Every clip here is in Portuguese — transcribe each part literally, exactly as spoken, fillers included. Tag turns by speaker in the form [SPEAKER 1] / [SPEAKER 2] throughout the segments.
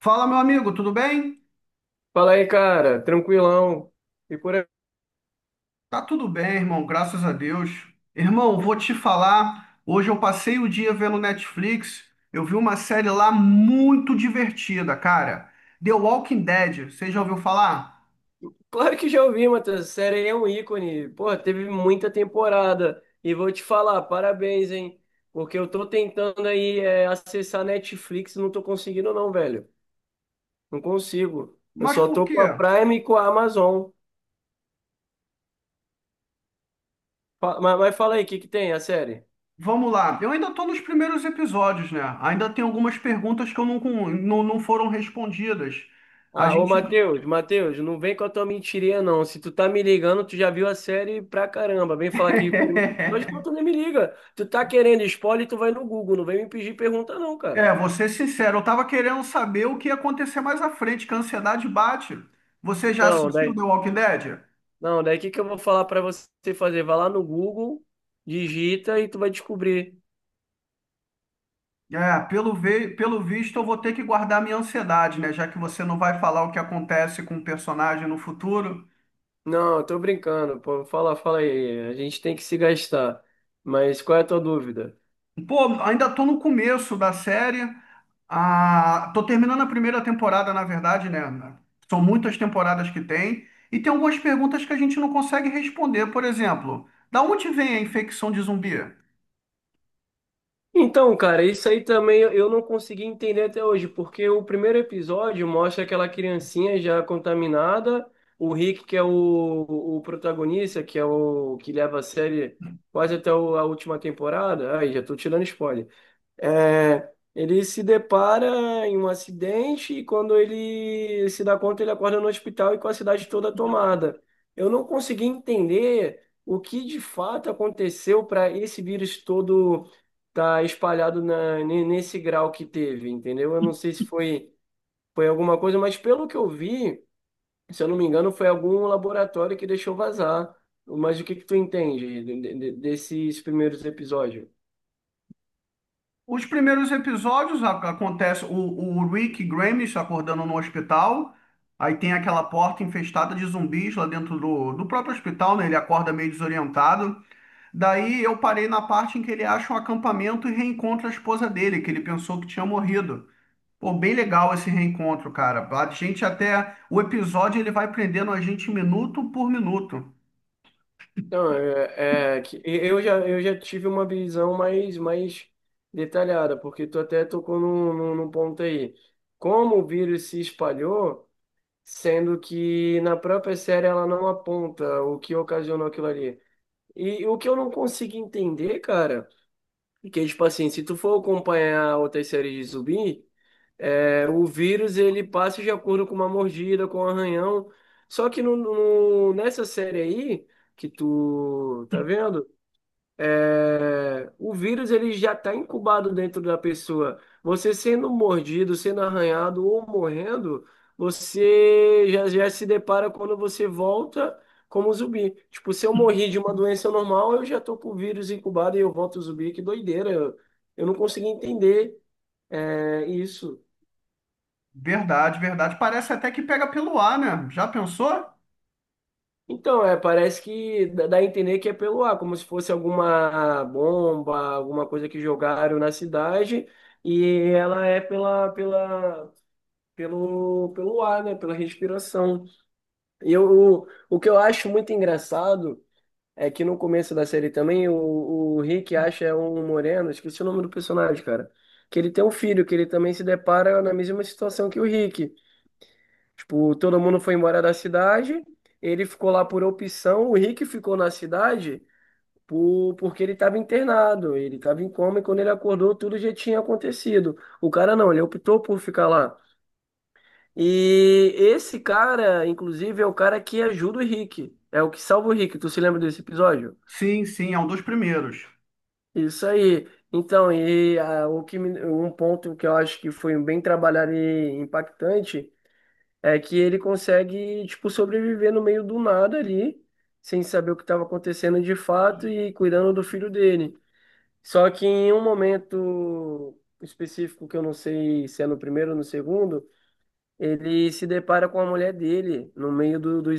[SPEAKER 1] Fala, meu amigo, tudo bem?
[SPEAKER 2] Fala aí, cara, tranquilão. E por aí.
[SPEAKER 1] Tá tudo bem, irmão, graças a Deus. Irmão, vou te falar, hoje eu passei o dia vendo Netflix, eu vi uma série lá muito divertida, cara. The Walking Dead, você já ouviu falar?
[SPEAKER 2] Claro que já ouvi, Matheus. Essa série aí é um ícone. Pô, teve muita temporada. E vou te falar, parabéns, hein? Porque eu tô tentando aí é, acessar Netflix, e não tô conseguindo, não, velho. Não consigo. Eu
[SPEAKER 1] Mas
[SPEAKER 2] só
[SPEAKER 1] por
[SPEAKER 2] tô
[SPEAKER 1] quê?
[SPEAKER 2] com a Prime e com a Amazon. Fa- Mas, mas fala aí, o que que tem a série?
[SPEAKER 1] Vamos lá, eu ainda tô nos primeiros episódios, né? Ainda tem algumas perguntas que eu não, não, não foram respondidas. A
[SPEAKER 2] Ah, ô
[SPEAKER 1] gente
[SPEAKER 2] Matheus, Matheus, não vem com a tua mentirinha, não. Se tu tá me ligando, tu já viu a série pra caramba. Vem falar que primeiro dois pontos nem me liga. Tu tá querendo spoiler, tu vai no Google. Não vem me pedir pergunta, não, cara.
[SPEAKER 1] É, vou ser sincero, eu tava querendo saber o que ia acontecer mais à frente, que a ansiedade bate. Você já
[SPEAKER 2] Então,
[SPEAKER 1] assistiu
[SPEAKER 2] daí.
[SPEAKER 1] The Walking Dead?
[SPEAKER 2] Não, daí o que que eu vou falar pra você fazer? Vai lá no Google, digita e tu vai descobrir.
[SPEAKER 1] É, pelo, ve- pelo visto eu vou ter que guardar minha ansiedade, né? Já que você não vai falar o que acontece com o personagem no futuro.
[SPEAKER 2] Não, eu tô brincando, pô. Fala, fala aí. A gente tem que se gastar. Mas qual é a tua dúvida?
[SPEAKER 1] Pô, ainda tô no começo da série. Ah, tô terminando a primeira temporada, na verdade, né? São muitas temporadas que tem. E tem algumas perguntas que a gente não consegue responder. Por exemplo, da onde vem a infecção de zumbi?
[SPEAKER 2] Então, cara, isso aí também eu eu não consegui entender até hoje, porque o primeiro episódio mostra aquela criancinha já contaminada, o Rick, que é o, o protagonista, que é o que leva a série quase até o- a última temporada. Aí, já tô tirando spoiler. É, ele se depara em um acidente e quando ele se dá conta, ele acorda no hospital e com a cidade toda tomada. Eu não consegui entender o que de fato aconteceu para esse vírus todo estar tá espalhado na, ne- nesse grau que teve, entendeu? Eu não sei se foi, foi alguma coisa, mas pelo que eu vi, se eu não me engano, foi algum laboratório que deixou vazar. Mas o que que tu entende de- de- de- desses primeiros episódios?
[SPEAKER 1] Os primeiros episódios a- acontece o, o Rick Grimes acordando no hospital. Aí tem aquela porta infestada de zumbis lá dentro do, do próprio hospital, né? Ele acorda meio desorientado. Daí eu parei na parte em que ele acha um acampamento e reencontra a esposa dele, que ele pensou que tinha morrido. Pô, bem legal esse reencontro, cara. A gente até. O episódio ele vai prendendo a gente minuto por minuto.
[SPEAKER 2] Não, é, é que eu já, eu já tive uma visão mais, mais detalhada, porque tu até tocou num, num, num ponto aí. Como o vírus se espalhou, sendo que na própria série ela não aponta o que ocasionou aquilo ali. E o que eu não consegui entender, cara, é que, tipo assim, se tu for acompanhar outras séries de zumbi, é, o vírus ele passa de acordo com uma mordida, com um arranhão. Só que no, no, nessa série aí, que tu tá vendo? É, o vírus ele já está incubado dentro da pessoa. Você sendo mordido, sendo arranhado ou morrendo, você já, já se depara quando você volta como zumbi. Tipo, se eu morri de uma doença normal, eu já tô com o vírus incubado e eu volto zumbi. Que doideira! Eu, eu não consegui entender é, isso.
[SPEAKER 1] Verdade, verdade. Parece até que pega pelo ar, né? Já pensou?
[SPEAKER 2] Então, é, parece que dá dá a entender que é pelo ar, como se fosse alguma bomba, alguma coisa que jogaram na cidade, e ela é pela, pela, pelo, pelo ar, né, pela respiração. E eu, o, o que eu acho muito engraçado é que no começo da série também, o, o Rick acha é um moreno, esqueci o nome do personagem, cara, que ele tem um filho, que ele também se depara na mesma situação que o Rick. Tipo, todo mundo foi embora da cidade, ele ficou lá por opção, o Rick ficou na cidade por, porque ele estava internado, ele estava em coma e quando ele acordou tudo já tinha acontecido. O cara não, ele optou por ficar lá. E esse cara, inclusive, é o cara que ajuda o Rick, é o que salva o Rick. Tu se lembra desse episódio?
[SPEAKER 1] Sim, sim, é um dos primeiros.
[SPEAKER 2] Isso aí. Então, e ah, o que me- um ponto que eu acho que foi bem trabalhado e impactante é que ele consegue, tipo, sobreviver no meio do nada ali, sem saber o que estava acontecendo de fato e cuidando do filho dele. Só que em um momento específico, que eu não sei se é no primeiro ou no segundo, ele se depara com a mulher dele no meio do, do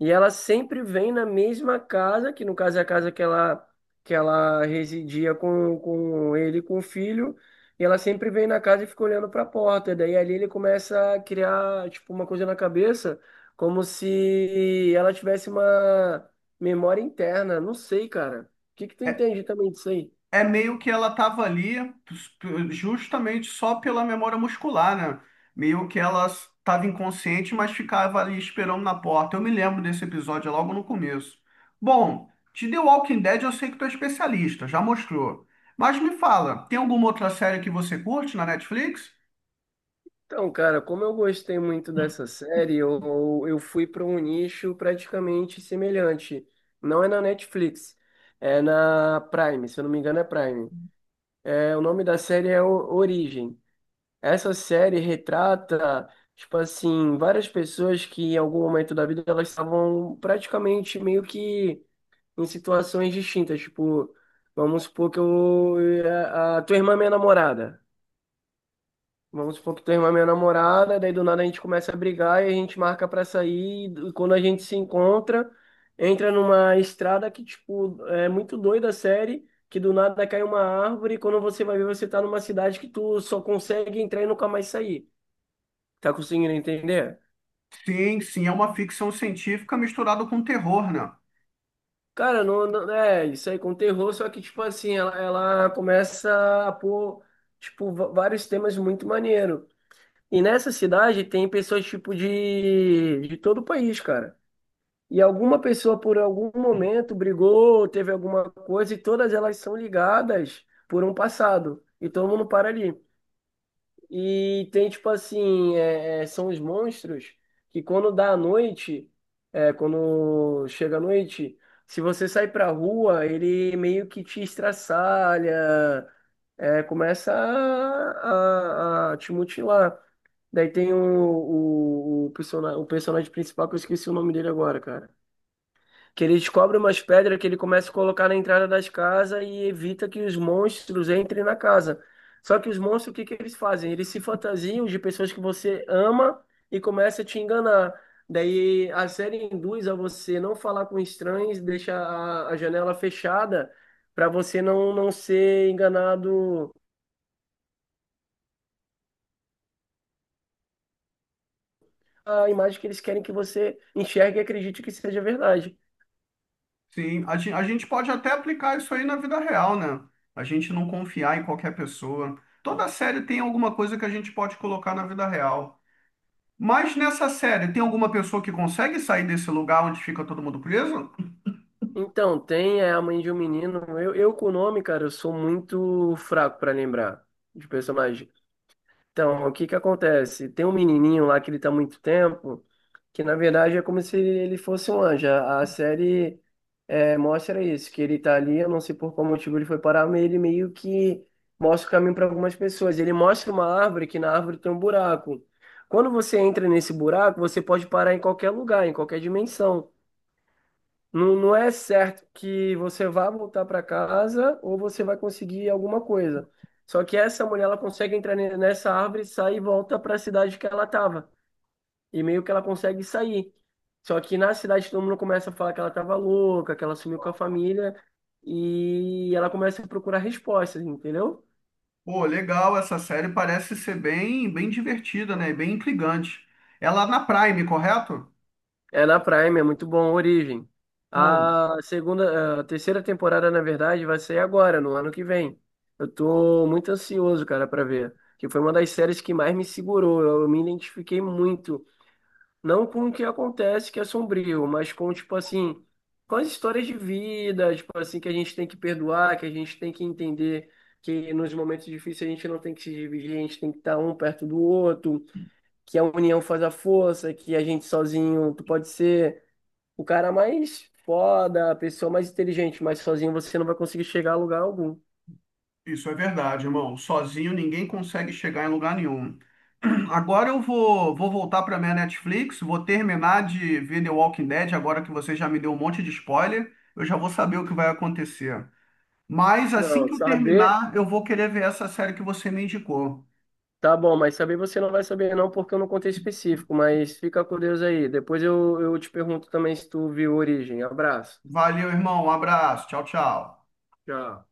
[SPEAKER 2] E ela sempre vem na mesma casa, que no caso é a casa que ela, que ela residia com, com ele e com o filho. E ela sempre vem na casa e fica olhando para a porta. Daí ali ele começa a criar, tipo, uma coisa na cabeça, como se ela tivesse uma memória interna. Não sei, cara. O que que tu entende também disso aí?
[SPEAKER 1] É meio que ela estava ali justamente só pela memória muscular, né? Meio que ela estava inconsciente, mas ficava ali esperando na porta. Eu me lembro desse episódio é logo no começo. Bom, de The Walking Dead eu sei que tu é especialista, já mostrou. Mas me fala, tem alguma outra série que você curte na Netflix?
[SPEAKER 2] Então, cara, como eu gostei muito dessa série, eu, eu fui para um nicho praticamente semelhante. Não é na Netflix, é na Prime, se eu não me engano é Prime. É, o nome da série é O- Origem. Essa série retrata, tipo assim, várias pessoas que em algum momento da vida elas estavam praticamente meio que em situações distintas. Tipo, vamos supor que eu, a, a tua irmã é minha namorada. Vamos supor que tu irmã é minha namorada, daí do nada a gente começa a brigar e a gente marca pra sair. E quando a gente se encontra, entra numa estrada que, tipo, é muito doida a série, que do nada cai uma árvore e quando você vai ver, você tá numa cidade que tu só consegue entrar e nunca mais sair. Tá conseguindo entender?
[SPEAKER 1] Sim, sim, é uma ficção científica misturada com terror, né?
[SPEAKER 2] Cara, não, não- é isso aí com terror, só que, tipo assim, ela, ela começa a pôr, tipo, va- vários temas muito maneiro. E nessa cidade tem pessoas, tipo, de, de todo o país, cara. E alguma pessoa, por algum momento, brigou, teve alguma coisa, e todas elas são ligadas por um passado. E todo mundo para ali. E tem, tipo assim, é, é, são os monstros que quando dá a noite, é, quando chega a noite, se você sair pra rua, ele meio que te estraçalha, é, começa a, a- a te mutilar. Daí tem o, o, o persona- o personagem principal, que eu esqueci o nome dele agora, cara. Que ele descobre umas pedras que ele começa a colocar na entrada das casas e evita que os monstros entrem na casa. Só que os monstros, o que que eles fazem? Eles se fantasiam de pessoas que você ama e começa a te enganar. Daí a série induz a você não falar com estranhos, deixa a, a janela fechada para você não, não ser enganado. A imagem que eles querem que você enxergue e acredite que seja verdade.
[SPEAKER 1] Sim, a gente, a gente pode até aplicar isso aí na vida real, né? A gente não confiar em qualquer pessoa. Toda série tem alguma coisa que a gente pode colocar na vida real. Mas nessa série, tem alguma pessoa que consegue sair desse lugar onde fica todo mundo preso?
[SPEAKER 2] Então, tem é, a mãe de um menino. Eu, eu com o nome, cara, eu sou muito fraco pra lembrar de personagem. Então, o que que acontece? Tem um menininho lá que ele tá há muito tempo, que na verdade é como se ele fosse um anjo. A a série é, mostra isso, que ele tá ali, eu não sei por qual motivo ele foi parar, mas ele meio que mostra o caminho para algumas pessoas. Ele mostra uma árvore que na árvore tem um buraco. Quando você entra nesse buraco, você pode parar em qualquer lugar, em qualquer dimensão. Não, não é certo que você vá voltar para casa ou você vai conseguir alguma coisa. Só que essa mulher, ela consegue entrar ne- nessa árvore, sai e volta para a cidade que ela estava. E meio que ela consegue sair. Só que na cidade todo mundo começa a falar que ela estava louca, que ela sumiu com a família. E ela começa a procurar respostas, entendeu?
[SPEAKER 1] Pô, legal, essa série parece ser bem, bem divertida, né? Bem intrigante. Ela é na Prime, correto?
[SPEAKER 2] É na Prime, é muito bom, Origem.
[SPEAKER 1] Pô,
[SPEAKER 2] A segunda, a terceira temporada, na verdade, vai sair agora, no ano que vem. Eu tô muito ansioso, cara, pra ver. Que foi uma das séries que mais me segurou. Eu, eu me identifiquei muito. Não com o que acontece, que é sombrio, mas com, tipo assim, com as histórias de vida, tipo assim, que a gente tem que perdoar, que a gente tem que entender que nos momentos difíceis a gente não tem que se dividir, a gente tem que estar um perto do outro, que a união faz a força, que a gente sozinho, tu pode ser o cara mais foda, a pessoa mais inteligente, mas sozinho você não vai conseguir chegar a lugar algum.
[SPEAKER 1] isso é verdade, irmão. Sozinho ninguém consegue chegar em lugar nenhum. Agora eu vou, vou voltar para minha Netflix, vou terminar de ver The Walking Dead, agora que você já me deu um monte de spoiler, eu já vou saber o que vai acontecer. Mas assim
[SPEAKER 2] Não,
[SPEAKER 1] que eu
[SPEAKER 2] saber,
[SPEAKER 1] terminar, eu vou querer ver essa série que você me indicou.
[SPEAKER 2] tá bom, mas saber você não vai saber não, porque eu não contei específico, mas fica com Deus aí. Depois eu, eu te pergunto também se tu viu Origem. Abraço.
[SPEAKER 1] Valeu, irmão. Um abraço. Tchau, tchau.
[SPEAKER 2] Tchau.